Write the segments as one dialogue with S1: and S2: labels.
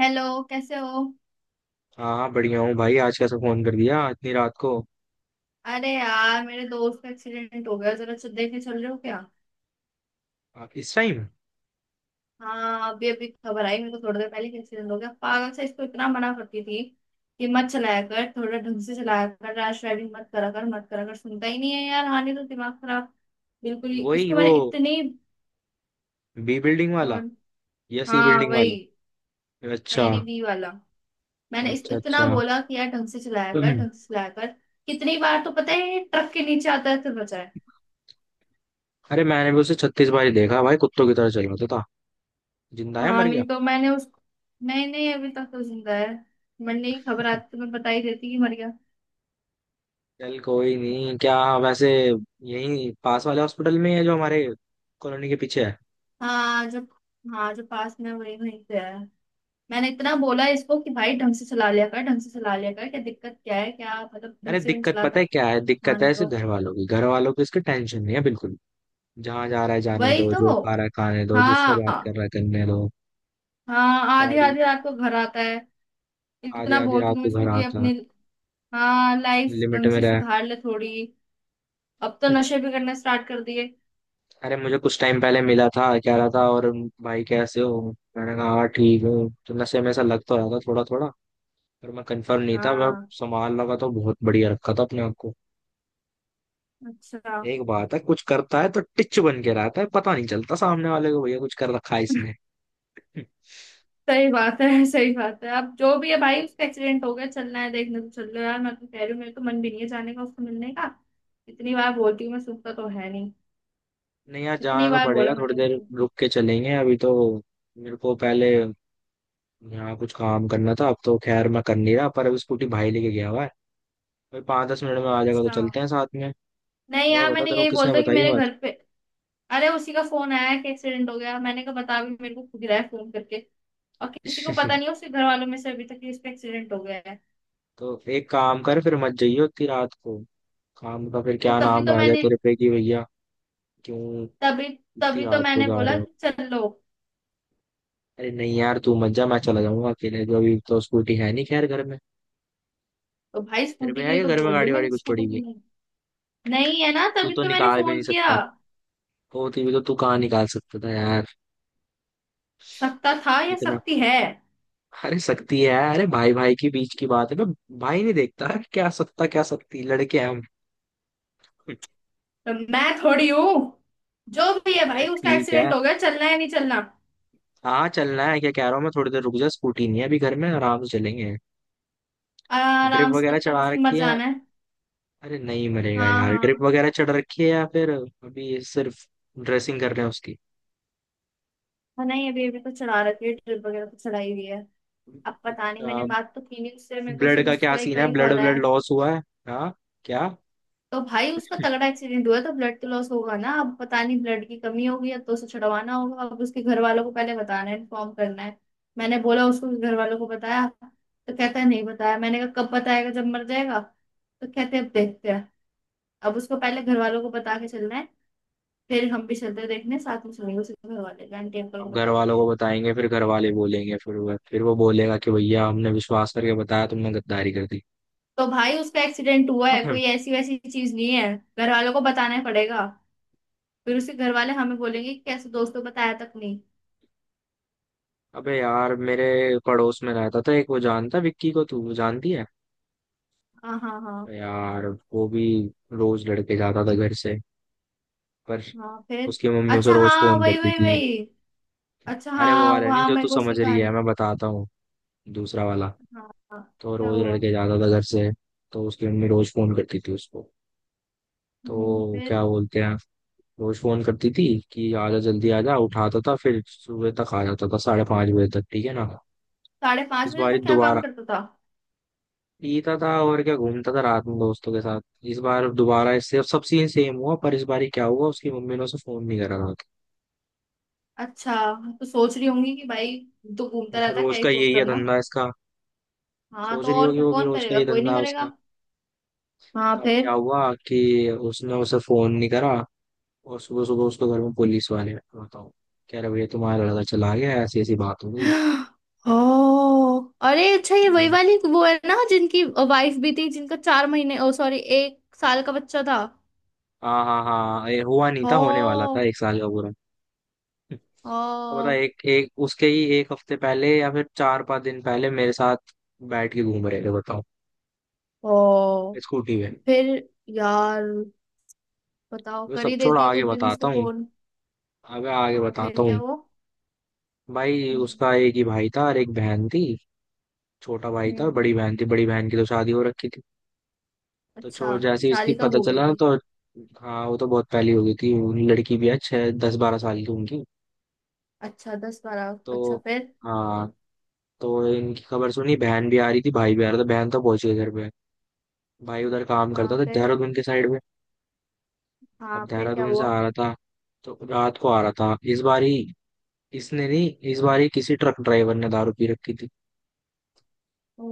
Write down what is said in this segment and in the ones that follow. S1: Hello. कैसे हो?
S2: हाँ हाँ बढ़िया हूँ भाई। आज कैसे फोन कर दिया इतनी रात को?
S1: अरे यार, मेरे दोस्त का एक्सीडेंट हो गया। जरा देखने चल रहे हो क्या?
S2: इस टाइम?
S1: हाँ, अभी अभी खबर आई मेरे को थोड़ी देर पहले कि एक्सीडेंट हो गया। पागल से, इसको इतना मना करती थी कि मत चलाया कर, थोड़ा ढंग से चलाया कर, रैश ड्राइविंग मत करा कर, मत करा कर, सुनता ही नहीं है यार। हाँ, नहीं तो दिमाग खराब बिल्कुल ही।
S2: वही
S1: इसको
S2: वो
S1: मैंने इतनी…
S2: बी बिल्डिंग वाला
S1: कौन?
S2: या सी
S1: हाँ
S2: बिल्डिंग
S1: वही।
S2: वाला? अच्छा
S1: नहीं नहीं, बी वाला। मैंने इसको
S2: अच्छा
S1: इतना
S2: अच्छा
S1: बोला कि यार, ढंग से चलाया कर,
S2: हम्म,
S1: ढंग से चलाया कर। कितनी बार तो पता है, ये ट्रक के नीचे आता है तो बचा है।
S2: अरे मैंने भी उसे 36 बार ही देखा भाई, कुत्तों की तरह चल रहा था तो। जिंदा है
S1: हाँ,
S2: मर
S1: नहीं
S2: गया?
S1: तो मैंने उसको… नहीं नहीं, अभी तक तो जिंदा है। मैंने… नहीं खबर आती तो मैं बता ही देती कि मर गया।
S2: चल कोई नहीं, क्या वैसे यही पास वाले हॉस्पिटल में है जो हमारे कॉलोनी के पीछे है?
S1: हाँ जो हाँ जो पास में है, वही वहीं पे है। मैंने इतना बोला इसको कि भाई, ढंग से चला लिया कर, ढंग से चला लिया कर, क्या दिक्कत क्या है, क्या मतलब,
S2: अरे
S1: ढंग से भी नहीं
S2: दिक्कत पता
S1: चलाता।
S2: है क्या है?
S1: हाँ,
S2: दिक्कत है
S1: नहीं
S2: इसे
S1: तो।
S2: घर वालों की, घर वालों की इसकी टेंशन नहीं है बिल्कुल। जहाँ जा रहा है जाने
S1: वही
S2: दो,
S1: तो।
S2: जो खा रहा है खाने दो, जिससे बात
S1: हाँ
S2: कर रहा है करने दो।
S1: हाँ, आधी
S2: गाड़ी
S1: आधी रात को घर आता है।
S2: आधी
S1: इतना
S2: आधी
S1: बोलती
S2: रात
S1: हूँ
S2: को
S1: इसको
S2: घर
S1: कि
S2: आता है,
S1: अपनी… हाँ, लाइफ
S2: लिमिट
S1: ढंग
S2: में
S1: से
S2: रहे।
S1: सुधार ले थोड़ी। अब तो नशे भी करना स्टार्ट कर दिए।
S2: अरे मुझे कुछ टाइम पहले मिला था, कह रहा था, और भाई कैसे हो? मैंने कहा हाँ ठीक हूँ। तो नशे में ऐसा लग तो रहा था थोड़ा थोड़ा, पर मैं कंफर्म नहीं था। मैं
S1: हाँ।
S2: संभाल लगा तो बहुत बढ़िया रखा था अपने आप को।
S1: अच्छा।
S2: एक बात है, कुछ करता है तो टिच बन के रहता है, पता नहीं चलता सामने वाले को भैया कुछ कर रखा है इसने।
S1: सही बात है, सही बात है। अब जो भी है भाई, उसका एक्सीडेंट हो गया, चलना है, देखने तो चल लो यार। मैं तो कह रही हूँ, मेरे तो मन भी नहीं है जाने का, उसको मिलने का। इतनी बार बोलती हूँ, मैं सुनता तो है नहीं।
S2: नहीं यार
S1: इतनी
S2: जाना तो
S1: बार
S2: पड़ेगा,
S1: बोला
S2: थोड़ी
S1: मैंने
S2: देर
S1: उसको।
S2: रुक के चलेंगे अभी तो। मेरे को पहले यहाँ कुछ काम करना था, अब तो खैर मैं कर नहीं रहा, पर अभी स्कूटी भाई लेके गया हुआ है। भाई 5-10 मिनट में आ जाएगा तो
S1: अच्छा।
S2: चलते हैं साथ में।
S1: नहीं
S2: और
S1: यार,
S2: बता
S1: मैंने
S2: तेरे को
S1: यही
S2: किसने
S1: बोलता कि
S2: बताई
S1: मेरे
S2: बात?
S1: घर पे… अरे, उसी का फोन आया कि एक्सीडेंट हो गया। मैंने कहा बता भी मेरे को खुद ही रहा है फोन करके। और किसी को पता नहीं है उसके घर वालों में से अभी तक कि इसका एक्सीडेंट हो गया है।
S2: तो एक काम कर फिर, मत जाइयो इतनी रात को। काम का फिर
S1: तो
S2: क्या
S1: तभी
S2: नाम
S1: तो
S2: आ जाए
S1: मैंने
S2: तेरे पे कि भैया क्यों
S1: तभी
S2: इतनी
S1: तभी तो
S2: रात को
S1: मैंने
S2: जा
S1: बोला
S2: रहे हो?
S1: कि चलो।
S2: अरे नहीं यार तू मत जा, मैं चला जाऊंगा अकेले, जो अभी तो स्कूटी है नहीं खैर घर में।
S1: तो भाई,
S2: तेरे
S1: स्कूटी
S2: पे
S1: के
S2: है
S1: लिए
S2: क्या
S1: तो
S2: घर में,
S1: बोल रही हूँ
S2: गाड़ी वाड़ी
S1: मैं,
S2: कुछ पड़ी
S1: स्कूटी
S2: हुई?
S1: नहीं, नहीं है ना,
S2: तू
S1: तभी
S2: तो
S1: तो मैंने
S2: निकाल भी नहीं
S1: फोन किया।
S2: सकता। होती भी तो तू कहाँ निकाल सकता था यार?
S1: सकता था या
S2: इतना
S1: सकती है?
S2: अरे सकती है, अरे भाई भाई के बीच की बात है, मैं भाई नहीं देखता क्या सकता क्या सकती, लड़के हैं हम।
S1: तो मैं थोड़ी हूँ। जो भी है
S2: चल
S1: भाई, उसका
S2: ठीक है।
S1: एक्सीडेंट हो गया, चलना है नहीं चलना?
S2: हाँ चलना है, क्या कह रहा हूँ मैं, थोड़ी देर रुक जा, स्कूटी नहीं है अभी घर में, आराम से चलेंगे। ड्रिप
S1: आराम से
S2: वगैरह
S1: तब तक
S2: चढ़ा
S1: उसे मर
S2: रखी है?
S1: जाना है।
S2: अरे नहीं मरेगा
S1: हाँ
S2: यार, ड्रिप
S1: हाँ।
S2: वगैरह चढ़ रखी है या फिर अभी सिर्फ ड्रेसिंग कर रहे हैं उसकी?
S1: हाँ, नहीं, अभी अभी तो चढ़ा रखी है, ड्रिप वगैरह तो चढ़ाई हुई है। अब पता नहीं,
S2: अच्छा।
S1: मैंने बात तो की नहीं उससे, मेरे को
S2: ब्लड
S1: सिर्फ
S2: का क्या
S1: उसका एक
S2: सीन
S1: बार
S2: है?
S1: ही
S2: ब्लड
S1: कॉल आया।
S2: ब्लड लॉस हुआ है? हाँ, क्या?
S1: तो भाई उसका तगड़ा एक्सीडेंट हुआ है, तो ब्लड तो लॉस होगा ना, अब पता नहीं ब्लड की कमी होगी, या तो उसे छुड़वाना होगा। अब उसके घर वालों को पहले बताना है, इन्फॉर्म करना है। मैंने बोला उसको, घर वालों को बताया? तो कहता है नहीं बताया। मैंने कहा कब बताएगा, जब मर जाएगा? तो कहते हैं अब देखते हैं। अब उसको पहले घर वालों को बता के चलना है। फिर हम भी चलते हैं देखने, साथ में चलेंगे, उसके घर वाले आंटी अंकल को
S2: अब घर
S1: बता
S2: वालों
S1: देंगे।
S2: को बताएंगे, फिर घर वाले बोलेंगे, फिर वो बोलेगा कि भैया हमने विश्वास करके बताया, तुमने गद्दारी कर दी।
S1: तो भाई उसका एक्सीडेंट हुआ है, कोई ऐसी वैसी चीज नहीं है। घर वालों को बताना पड़ेगा। फिर उसके घर वाले हमें बोलेंगे कि कैसे दोस्तों, बताया तक नहीं।
S2: अबे यार मेरे पड़ोस में रहता था एक, वो जानता है विक्की को तू, वो जानती है।
S1: हाँ हाँ हाँ।
S2: तो यार वो भी रोज लड़के जाता था घर से, पर
S1: हाँ, फिर?
S2: उसकी मम्मी उसे
S1: अच्छा,
S2: रोज
S1: हाँ
S2: फोन
S1: वही
S2: करती
S1: वही
S2: थी।
S1: वही। अच्छा
S2: अरे वो
S1: हाँ,
S2: वाला नहीं
S1: वहाँ
S2: जो तू
S1: मेरे को उसकी
S2: समझ रही है,
S1: कहानी…
S2: मैं बताता हूँ, दूसरा वाला।
S1: हाँ हाँ।
S2: तो
S1: क्या
S2: रोज
S1: हुआ?
S2: लड़के जाता था घर से, तो उसकी मम्मी रोज फोन करती थी उसको। तो
S1: फिर?
S2: क्या बोलते हैं, रोज फोन करती थी कि आजा जल्दी आजा, उठाता था फिर सुबह तक आ जाता था, 5:30 बजे तक, ठीक है ना।
S1: साढ़े पाँच
S2: इस
S1: बजे
S2: बार
S1: तक क्या काम
S2: दोबारा
S1: करता था?
S2: पीता था और क्या, घूमता था रात में दोस्तों के साथ। इस बार दोबारा इससे सब सीन सेम हुआ, पर इस बार क्या हुआ, उसकी मम्मी ने उसे फोन नहीं करा था।
S1: अच्छा। तो सोच रही होंगी कि भाई, तो घूमता
S2: फिर
S1: रहता है, क्या
S2: रोज
S1: ही
S2: का
S1: फोन
S2: यही है
S1: करना।
S2: धंधा इसका,
S1: हाँ,
S2: सोच
S1: तो
S2: रही
S1: और
S2: होगी
S1: क्या,
S2: वो भी
S1: कौन
S2: रोज का
S1: करेगा,
S2: ही
S1: कोई
S2: धंधा
S1: नहीं
S2: है
S1: करेगा।
S2: उसका।
S1: हाँ,
S2: तो अब क्या
S1: फिर?
S2: हुआ कि उसने उसे फोन नहीं करा, और सुबह सुबह उसको घर में पुलिस वाले बताओ, कह रहे भैया तुम्हारा लड़का चला गया, ऐसी ऐसी बात हो गई।
S1: ओ। अरे अच्छा, ये वही
S2: हम्म।
S1: वाली वो है ना, जिनकी वाइफ भी थी, जिनका 4 महीने, ओ सॉरी, 1 साल का बच्चा था।
S2: हाँ हाँ हाँ, ये हुआ नहीं
S1: ओ।
S2: था, होने वाला था एक साल का पूरा। अब बता,
S1: ओ।
S2: एक एक उसके ही एक हफ्ते पहले या फिर 4-5 दिन पहले मेरे साथ बैठ के घूम रहे थे बताओ,
S1: ओ
S2: स्कूटी पे।
S1: फिर यार, बताओ,
S2: अबे
S1: कर
S2: सब
S1: ही
S2: छोड़,
S1: देती है
S2: आगे
S1: उस दिन इसको
S2: बताता हूँ।
S1: फोन।
S2: अबे आगे
S1: हाँ फिर
S2: बताता हूँ।
S1: क्या वो…
S2: भाई
S1: हम्म।
S2: उसका एक ही भाई था और एक बहन थी। छोटा भाई था और
S1: हम्म।
S2: बड़ी बहन थी, बड़ी बहन की तो शादी हो रखी थी। तो
S1: अच्छा।
S2: छो जैसे ही इसकी
S1: शादी कब
S2: पता
S1: हो गई
S2: चला
S1: थी?
S2: तो, हाँ वो तो बहुत पहली हो गई थी। लड़की भी है छः दस बारह साल की उनकी।
S1: अच्छा, 10 12।
S2: तो
S1: अच्छा फिर?
S2: हाँ, तो इनकी खबर सुनी, बहन भी आ रही थी भाई भी आ रहा था, बहन तो पहुंच गई घर पे। भाई उधर काम करता
S1: हाँ,
S2: था
S1: फिर?
S2: देहरादून के साइड में। अब
S1: हाँ, फिर क्या
S2: देहरादून से
S1: हुआ?
S2: आ रहा था, तो रात को आ रहा था इस बार ही। इसने नहीं, इस बार ही किसी ट्रक ड्राइवर ने दारू पी रखी थी,
S1: ओ।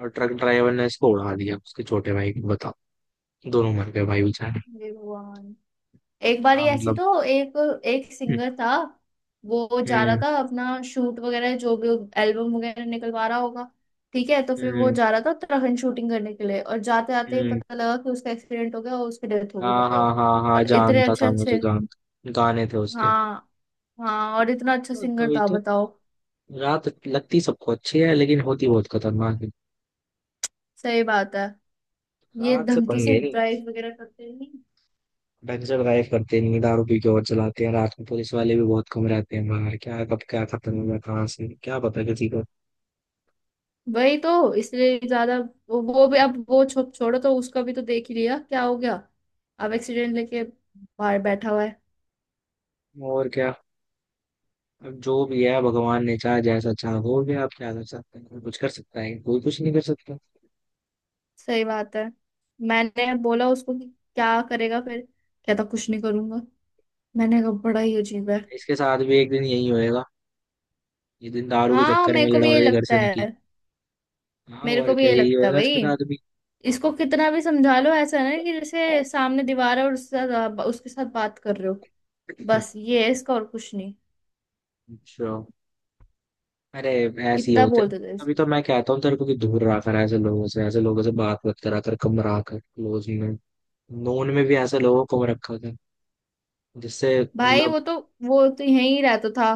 S2: और ट्रक ड्राइवर ने इसको उड़ा दिया उसके छोटे भाई को बताओ, दोनों मर गए भाई बेचारे।
S1: हे भगवान। एक बार
S2: हाँ
S1: ही ऐसी…
S2: मतलब।
S1: तो एक एक सिंगर था, वो जा रहा
S2: हम्म।
S1: था अपना शूट वगैरह, जो भी, एल्बम वगैरह निकलवा रहा होगा। ठीक है, तो फिर वो
S2: हम्म।
S1: जा रहा था उत्तराखंड शूटिंग करने के लिए, और जाते जाते
S2: हम्म।
S1: पता लगा कि उसका एक्सीडेंट हो गया और उसकी डेथ हो गई,
S2: हाँ
S1: बताओ।
S2: हाँ हाँ हाँ
S1: और इतने
S2: जानता
S1: अच्छे
S2: था,
S1: अच्छे…
S2: मुझे गान, गाने थे उसके।
S1: हाँ हाँ, और इतना अच्छा
S2: हाँ,
S1: सिंगर
S2: तभी
S1: था,
S2: तो।
S1: बताओ।
S2: रात लगती सबको अच्छी है लेकिन होती बहुत खतरनाक है,
S1: सही बात है। ये
S2: रात से
S1: ढंग से
S2: पंगे नहीं।
S1: ड्राइव वगैरह करते नहीं।
S2: ढंग से ड्राइव करते नहीं, दारू पी के और चलाते हैं रात में, पुलिस वाले भी बहुत कम रहते हैं बाहर, क्या कब क्या खत्म हुआ कहाँ से क्या पता किसी को।
S1: वही तो, इसलिए ज्यादा। वो भी, अब वो छोड़ो, तो उसका भी तो देख ही लिया क्या हो गया। अब एक्सीडेंट लेके बाहर बैठा हुआ है।
S2: और क्या, अब जो भी है भगवान ने चाहा जैसा चाहा हो गया, आप क्या कर सकते हैं, कोई कुछ कर सकता है, कोई कुछ नहीं कर सकता।
S1: सही बात है। मैंने बोला उसको कि क्या करेगा फिर? कहता कुछ नहीं करूंगा। मैंने कहा बड़ा ही अजीब है।
S2: इसके साथ भी एक दिन यही होएगा, ये दिन दारू के
S1: हाँ,
S2: चक्कर
S1: मेरे
S2: में
S1: को भी
S2: लड़वड़
S1: यही
S2: के घर
S1: लगता
S2: से निकले।
S1: है।
S2: हाँ
S1: मेरे को
S2: और
S1: भी
S2: क्या,
S1: यही
S2: यही
S1: लगता है
S2: होएगा
S1: भाई।
S2: इसके साथ भी।
S1: इसको कितना भी समझा लो, ऐसा है ना, कि जैसे सामने दीवार है और उसके साथ बात कर रहे हो। बस ये है इसका, और कुछ नहीं।
S2: अच्छा। अरे ऐसे ही
S1: कितना
S2: होते हैं।
S1: बोलते थे
S2: अभी
S1: इसको।
S2: तो मैं कहता हूँ तेरे को कि दूर रहा कर ऐसे लोगों से, ऐसे लोगों से बात मत करा कर, कम रहा कर क्लोज में। नोन में भी ऐसे लोगों को कम रखा कर, जिससे
S1: भाई
S2: मतलब।
S1: वो तो यहीं ही रहता था,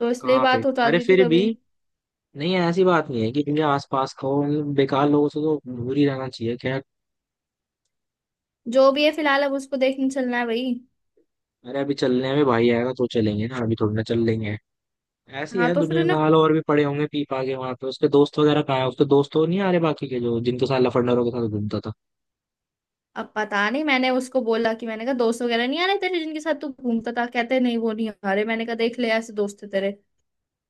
S1: तो इसलिए
S2: कहाँ पे?
S1: बात हो
S2: अरे
S1: जाती थी
S2: फिर भी,
S1: कभी।
S2: नहीं ऐसी बात नहीं है कि तुझे आसपास का हो, मतलब बेकार लोगों से तो दूर ही रहना चाहिए, खैर।
S1: जो भी है फिलहाल, अब उसको देखने चलना है भाई।
S2: अरे अभी चलने में भाई आएगा तो चलेंगे ना, अभी थोड़ी ना चल लेंगे। ऐसी
S1: हाँ,
S2: है
S1: तो फिर
S2: दुनिया का
S1: उन्हें…
S2: हाल, और भी पड़े होंगे पी पा के वहां पे, उसके दोस्त वगैरह कहाँ है, उसके दोस्त तो नहीं आ रहे बाकी के, जो जिनके साथ लफंडरों के साथ घूमता था।
S1: अब पता नहीं, मैंने उसको बोला कि… मैंने कहा दोस्त वगैरह नहीं आ रहे तेरे, जिनके साथ तू घूमता था, कहते नहीं, वो नहीं आ रहे। मैंने कहा देख ले, ऐसे दोस्त थे तेरे।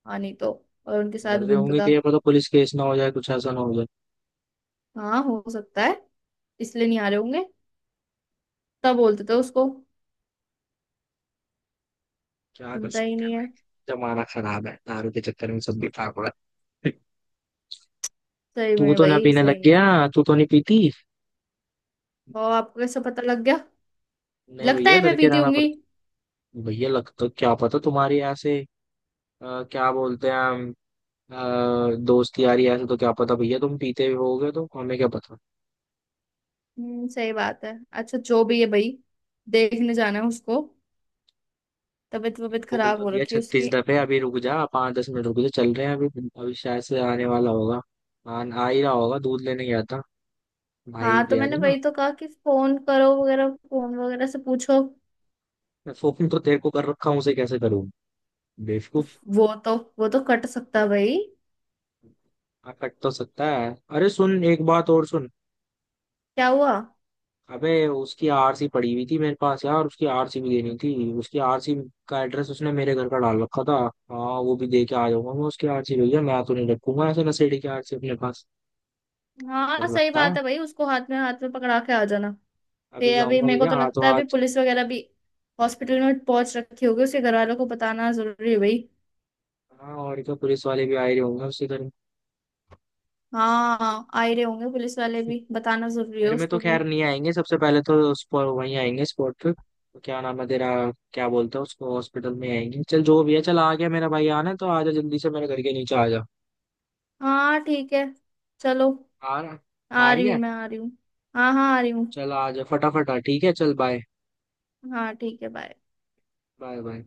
S1: हाँ, नहीं तो। और उनके
S2: डर
S1: साथ
S2: रहे
S1: घूमता
S2: होंगे
S1: था।
S2: कि ये पता पुलिस केस ना हो जाए, कुछ ऐसा ना हो जाए।
S1: हाँ, हो सकता है, इसलिए नहीं आ रहे होंगे। तब बोलते थे उसको,
S2: क्या कर
S1: सुनता ही
S2: सकते
S1: नहीं
S2: हैं।
S1: है।
S2: जमाना खराब है, दारू के चक्कर में सब भी पाक हो रहा है।
S1: सही
S2: तू
S1: में
S2: तो ना
S1: भाई,
S2: पीने लग
S1: सही
S2: गया।
S1: में।
S2: तू तो नहीं पीती?
S1: और आपको कैसे पता लग गया?
S2: नहीं
S1: लगता
S2: भैया
S1: है
S2: डर
S1: मैं
S2: के
S1: पीती
S2: रहना
S1: होंगी?
S2: पड़ता। भैया, लगता क्या पता तुम्हारी ऐसे क्या बोलते हैं दोस्त यारी, ऐसे तो क्या पता भैया तुम पीते भी होगे तो हमें क्या पता।
S1: हम्म, सही बात है। अच्छा, जो भी है भाई, देखने जाना है उसको, तबीयत वबीयत
S2: बोल
S1: खराब
S2: तो
S1: हो
S2: दिया
S1: रखी है
S2: छत्तीस
S1: उसकी।
S2: दफे अभी रुक जा, 5-10 मिनट रुक जा, चल रहे हैं अभी, अभी शायद से आने वाला होगा। आ ही रहा होगा, दूध लेने गया था भाई,
S1: हाँ, तो
S2: गया
S1: मैंने
S2: था ना।
S1: वही तो कहा कि फोन करो वगैरह, फोन वगैरह से पूछो।
S2: मैं फोन तो तेरे को कर रखा हूँ, उसे कैसे करूँ
S1: तो
S2: बेवकूफ?
S1: वो तो कट सकता है भाई।
S2: हाँ, कट तो सकता है, अरे सुन एक बात और सुन।
S1: क्या हुआ?
S2: अबे उसकी आरसी पड़ी हुई थी मेरे पास यार, उसकी आरसी भी देनी थी। उसकी आरसी का एड्रेस उसने मेरे घर का डाल रखा था। हाँ वो भी दे के आ जाऊंगा मैं उसकी आरसी, भैया मैं तो नहीं रखूंगा ऐसे नशेड़ी की आरसी अपने पास,
S1: हाँ,
S2: डर
S1: सही
S2: लगता है।
S1: बात है भाई, उसको हाथ में पकड़ा के आ जाना।
S2: अभी
S1: फिर अभी
S2: जाऊंगा
S1: मेरे को
S2: भैया
S1: तो लगता
S2: हाथों
S1: है अभी
S2: हाथ।
S1: पुलिस वगैरह भी हॉस्पिटल में पहुंच रखी होगी, उसके घर वालों को बताना जरूरी है भाई।
S2: हाँ, और तो पुलिस वाले भी आ ही होंगे उसके घर में।
S1: हाँ, आ ही रहे होंगे पुलिस वाले भी, बताना जरूरी है
S2: घर में तो
S1: उसको भी।
S2: खैर नहीं आएंगे, सबसे पहले तो स्पॉट वहीं आएंगे, स्पॉट पे तो क्या नाम है तेरा, क्या बोलते हैं उसको, हॉस्पिटल में आएंगे। चल जो भी है, चल आ गया मेरा भाई, आना है तो आजा जल्दी से मेरे घर के नीचे आ जा।
S1: हाँ ठीक है। चलो।
S2: आ रहा, आ
S1: आ रही
S2: रही
S1: हूँ,
S2: है?
S1: मैं आ रही हूँ। हाँ हाँ, आ रही हूँ।
S2: चल आ जा फटाफट आ, ठीक है, चल बाय,
S1: हाँ ठीक है, बाय।
S2: Bye bye.